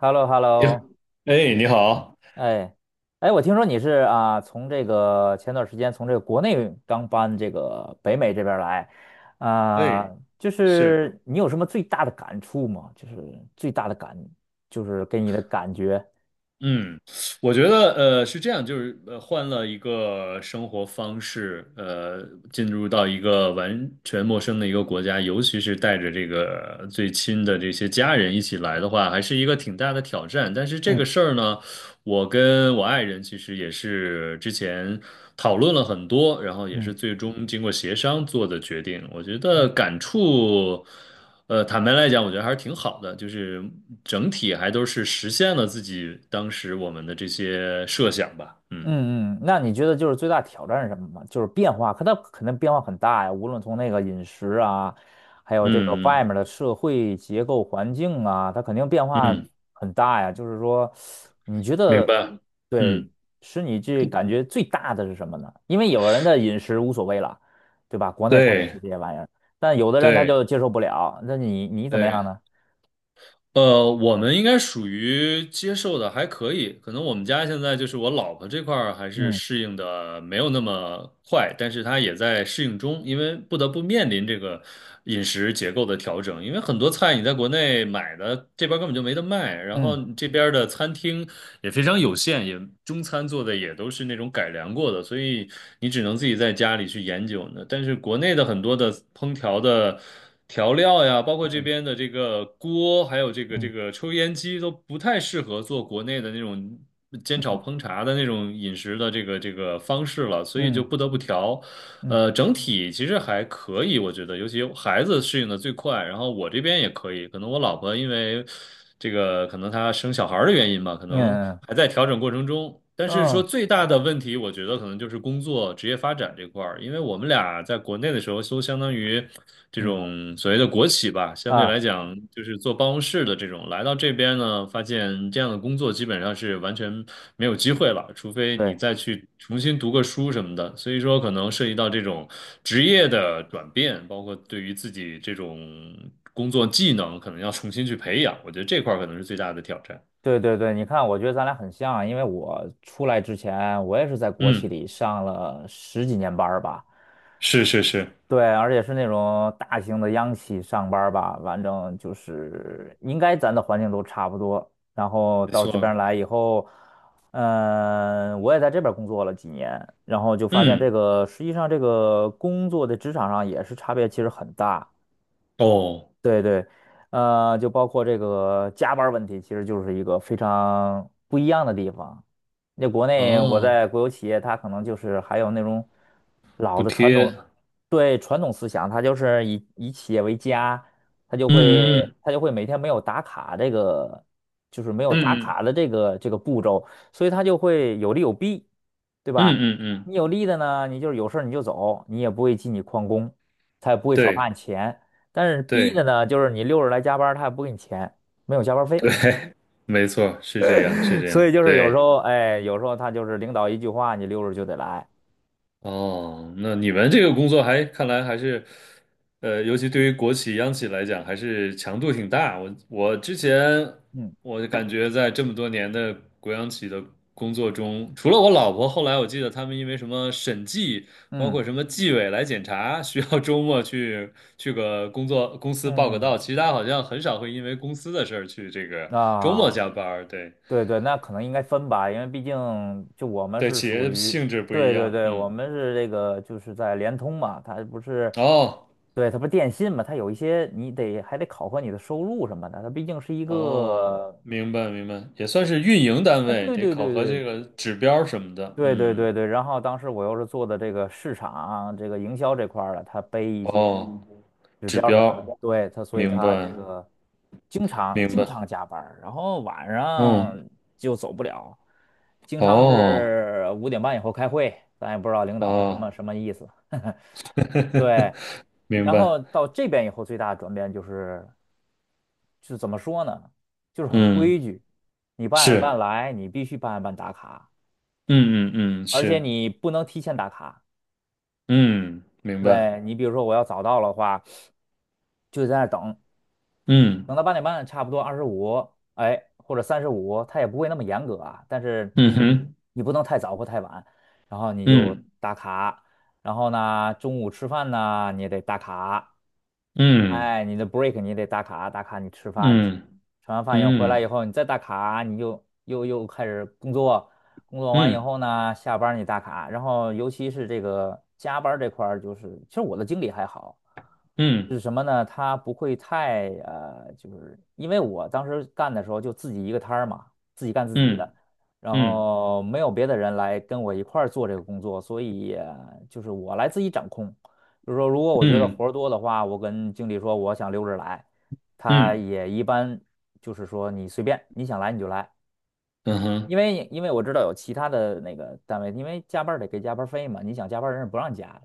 h e l l o h e l l o。 你，哎，你好。哎，哎，我听说你是啊，从这个前段时间从这个国内刚搬这个北美这边儿来。啊、哎，就是。是你有什么最大的感触吗？就是最大的感，就是给你的感觉。嗯，我觉得是这样，就是换了一个生活方式，进入到一个完全陌生的一个国家，尤其是带着这个最亲的这些家人一起来的话，还是一个挺大的挑战。但是这个嗯事儿呢，我跟我爱人其实也是之前讨论了很多，然后也嗯是最终经过协商做的决定。我觉嗯得感触，坦白来讲，我觉得还是挺好的，就是整体还都是实现了自己当时我们的这些设想吧。嗯嗯嗯。那你觉得就是最大挑战是什么吗？就是变化，可它肯定变化很大呀，无论从那个饮食啊，还有这个外面嗯的社会结构环境啊，它肯定变嗯化嗯，很大呀。就是说，你觉明得，白。对，嗯，使你这感觉最大的是什么呢？因为有人的饮食无所谓了，对吧？国内他也吃对这些玩意儿，但有的人他对就接受不了。那你怎么样对。呢？我们应该属于接受的还可以，可能我们家现在就是我老婆这块儿还是嗯适应的没有那么快，但是她也在适应中，因为不得不面临这个饮食结构的调整，因为很多菜你在国内买的这边儿根本就没得卖，然后嗯你这边儿的餐厅也非常有限，也中餐做的也都是那种改良过的，所以你只能自己在家里去研究呢。但是国内的很多的烹调的。调料呀，包括这嗯边的这个锅，还有这个这嗯个抽烟机，都不太适合做国内的那种煎炒嗯烹茶的那种饮食的这个方式了，所以就嗯不得不调。嗯嗯整体其实还可以，我觉得，尤其孩子适应的最快，然后我这边也可以，可能我老婆因为这个可能她生小孩儿的原因吧，可嗯能嗯还在调整过程中。但嗯是说啊。最大的问题，我觉得可能就是工作职业发展这块儿，因为我们俩在国内的时候都相当于。这嗯，种所谓的国企吧，相对来讲就是做办公室的这种，来到这边呢，发现这样的工作基本上是完全没有机会了，除非你对再去重新读个书什么的。所以说，可能涉及到这种职业的转变，包括对于自己这种工作技能，可能要重新去培养。我觉得这块儿可能是最大的挑战。对对对，你看，我觉得咱俩很像啊，因为我出来之前，我也是在国企嗯，里上了十几年班儿吧，是是是，对，而且是那种大型的央企上班儿吧，反正就是应该咱的环境都差不多。然后没到这边儿错。来以后，嗯、我也在这边儿工作了几年，然后就发现这嗯，个实际上这个工作的职场上也是差别其实很大。哦对对，就包括这个加班儿问题，其实就是一个非常不一样的地方。那国内我哦，在国有企业，它可能就是还有那种老补的传贴。统，对传统思想，它就是以企业为家，它就会嗯它就会每天没有打卡这个，就是没有打嗯嗯卡的这个这个步骤，所以它就会有利有弊，对嗯吧？嗯嗯嗯，你有嗯利的呢，你就是有事儿你就走，你也不会记你旷工，他也不会少发对你钱。但是 B 的对。呢，就是你六日来加班儿他也不给你钱，没有加班儿费。对，没错，是这样，是 这样，所以就是有时对。候，哎，有时候他就是领导一句话，你六日就得来。哦，那你们这个工作还看来还是，尤其对于国企、央企来讲，还是强度挺大。我之前嗯我感觉在这么多年的国央企的工作中，除了我老婆，后来我记得他们因为什么审计，包嗯括什么纪委来检查，需要周末去个工作公司报个嗯到，其他好像很少会因为公司的事儿去这个周末啊，加班儿。对对对，那可能应该分吧，因为毕竟就我们对，是企属业于，性质不一对对样，对，我嗯。们是这个就是在联通嘛，它不是，哦对，它不是电信嘛，它有一些你得还得考核你的收入什么的，它毕竟是一哦，个。明白明白，也算是运营单啊，位，对得对考对核这对个指标什么的。对对嗯，对对，然后当时我又是做的这个市场啊、这个营销这块儿的，他背一些哦，指指标什么标，的，对他，所以明白他这个经常明经白。常加班儿然后晚上嗯，就走不了，经常哦是5:30以后开会，咱也不知道领导什么哦，什么意思。明然白。后到这边以后，最大的转变就是，就是怎么说呢，就是很嗯，规矩，你八点半是，来，你必须八点半打卡，嗯嗯嗯而且是，你不能提前打卡。嗯，明白。对你比如说我要早到的话，就在那儿等，嗯等到八点半，差不多25，哎，或者35，他也不会那么严格啊，但是嗯哼，你不能太早或太晚，然后你就嗯打卡，然后呢，中午吃饭呢你也得打卡，嗯哎，你的 break 你也得打卡，打卡你吃饭去，嗯吃完饭以后回来以嗯后你再打卡，你就又开始工作，工作完以嗯后呢，下班儿你打卡，然后尤其是这个加班儿这块儿，就是其实我的经理还好，嗯是什么呢？他不会太就是因为我当时干的时候就自己一个摊儿嘛，自己干自己嗯的，然嗯嗯后没有别的人来跟我一块儿做这个工作，所以就是我来自己掌控。就是说，如果我觉得嗯活儿多的话，我跟经理说我想溜着来，他嗯也一般就是说你随便，你想来你就来。嗯因哼，为因为我知道有其他的那个单位，因为加班儿得给加班儿费嘛，你想加班儿人是不让加的。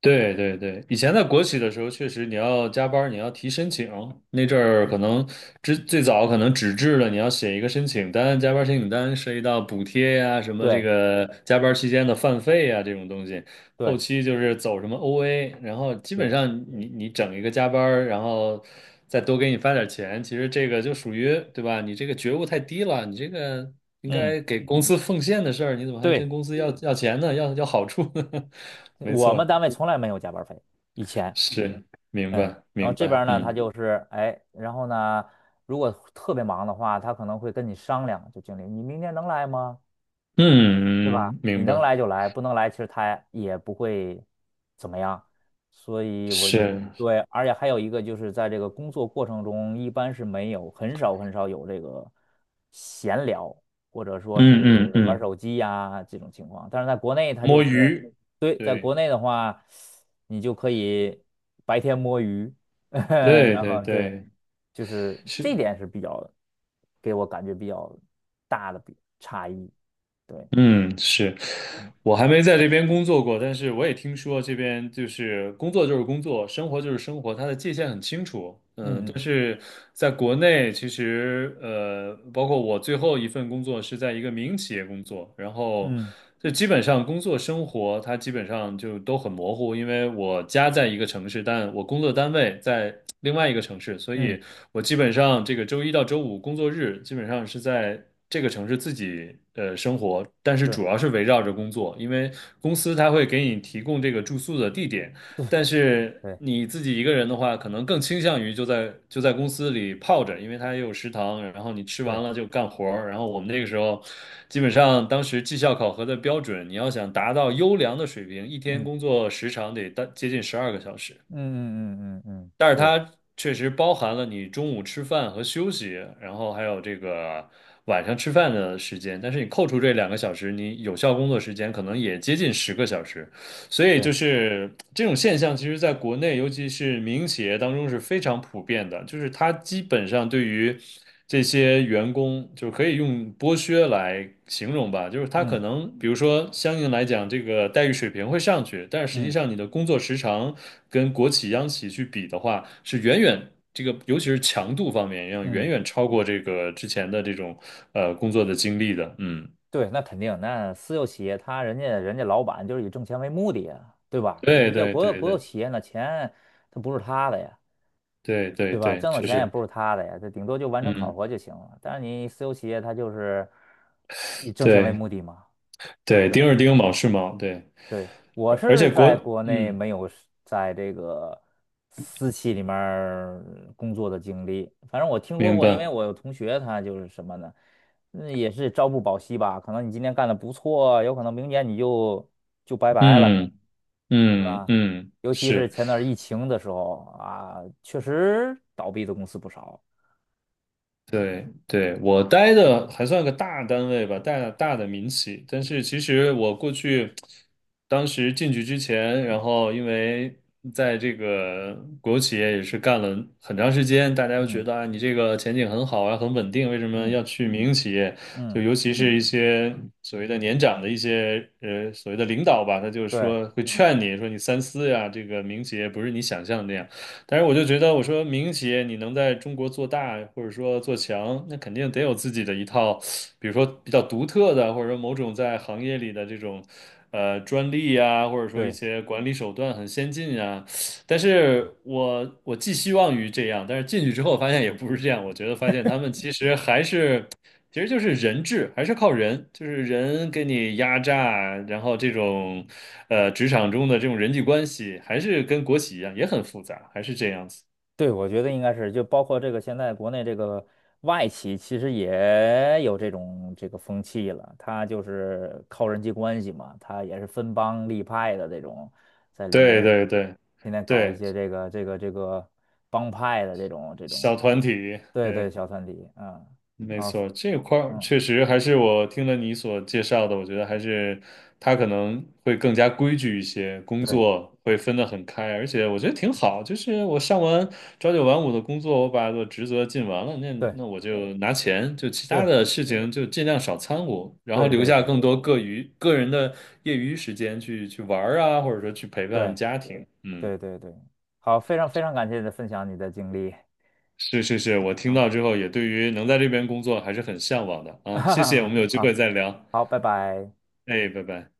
对对对，以前在国企的时候，确实你要加班儿你要提申请。那阵儿可能最早可能纸质的，你要写一个申请单，加班儿申请单涉及到补贴呀、什么这对个加班儿期间的饭费呀、这种东西。后对期就是走什么 OA，然后基本对，上你整一个加班儿然后再多给你发点儿钱，其实这个就属于对吧？你这个觉悟太低了，你这个应嗯，该给公司奉献的事儿，你怎么还跟对，公司要钱呢？要好处呢？没我们错。单位从来没有加班儿费，以前，是，明嗯，白，然后明这边白，儿呢，他就嗯是哎，然后呢，如果特别忙的话，他可能会跟你商量，就经理，你明天能来吗？对吧？嗯，你明能白，来就来，不能来其实他也不会怎么样。所以我就是，对，而且还有一个就是在这个工作过程中，一般是没有，很少很少有这个闲聊，或者说嗯嗯是玩嗯，手机呀、这种情况。但是在国内，他就摸是鱼，对，在对国内的话，你就可以白天摸鱼。对然对后对，对，就是是，这点是比较给我感觉比较大的比差异，对。嗯，是。嗯我还没在这边工作过，但是我也听说这边就是工作就是工作，生活就是生活，它的界限很清楚。嗯，但嗯是在国内，其实包括我最后一份工作是在一个民营企业工作，然后嗯嗯就基本上工作生活它基本上就都很模糊，因为我家在一个城市，但我工作单位在另外一个城市，所嗯，以。我基本上这个周一到周五工作日，基本上是在这个城市自己生活，但是是，主要是围绕着工作，因为公司它会给你提供这个住宿的地点，但是对你自己一个人的话，可能更倾向于就在公司里泡着，因为它也有食堂，然后你吃对，完了就干活儿。然后我们那个时候，基本上当时绩效考核的标准，你要想达到优良的水平，一天嗯工作时长得大接近十二个小时。嗯嗯嗯嗯嗯，但是是，它确实包含了你中午吃饭和休息，然后还有这个晚上吃饭的时间。但是你扣除这两个小时，你有效工作时间可能也接近十个小时。所以就对，是这种现象，其实在国内，尤其是民营企业当中是非常普遍的。就是它基本上对于这些员工，就可以用剥削来形容吧。就是它可嗯能，比如说相应来讲，这个待遇水平会上去，但是实际嗯上你的工作时长跟国企、央企去比的话，是远远这个，尤其是强度方面，要远嗯，远超过这个之前的这种工作的经历的。嗯，对，那肯定，那私有企业他人家老板就是以挣钱为目的呀，对吧？对你这对国有对国有对企业那钱它不是他的呀，对对对吧？对，挣的确钱也实，不是他的呀，这顶多就完成考嗯。核就行了。但是你私有企业他就是以挣钱为对，目的嘛。对，对丁是丁，卯是卯，对，对，我而且是国，在国内嗯，没有是在这个私企里面儿工作的经历，反正我听说明过，因为白，我有同学他就是什么呢，嗯，也是朝不保夕吧，可能你今天干的不错，有可能明年你就拜拜了，嗯对嗯吧？嗯，尤其是是。前段儿疫情的时候啊，确实倒闭的公司不少。对对，我待的还算个大单位吧，大大的民企。但是其实我过去，当时进去之前，然后因为在这个国有企业也是干了很长时间，大家又觉嗯得啊，你这个前景很好啊，很稳定，为什么嗯要去民营企业？就嗯，尤其是一些所谓的年长的一些所谓的领导吧，他就是对说会劝你说你三思呀，这个民营企业不是你想象的那样。但是我就觉得，我说民营企业你能在中国做大或者说做强，那肯定得有自己的一套，比如说比较独特的，或者说某种在行业里的这种专利呀，或者说一对。些管理手段很先进呀。但是我寄希望于这样，但是进去之后发现也不是这样，我觉得发现他们其实还是。其实就是人治，还是靠人，就是人给你压榨，然后这种，职场中的这种人际关系，还是跟国企一样，也很复杂，还是这样子。对，我觉得应该是，就包括这个现在国内这个外企，其实也有这种这个风气了。他就是靠人际关系嘛，他也是分帮立派的这种，在里面对儿对对天天搞一对，些这个这个这个帮派的这种这种，小团体，对对，对。小团体，嗯，没啊，错，这块儿嗯，确实还是我听了你所介绍的，我觉得还是他可能会更加规矩一些，工对作会分得很开，而且我觉得挺好。就是我上完朝九晚五的工作，我把我的职责尽完了，那对那我就拿钱，就其他是，的事情就尽量少掺和，然对后留对下对更多个余个人的业余时间去去玩儿啊，或者说去陪伴对家庭。嗯，对对对，好，非常非常感谢你的分享，你的经历是是是，我听啊。到 之后也对于能在这边工作还是很向往的哈啊。哈谢谢，我哈，们有机会好再聊。好，拜拜。哎，拜拜。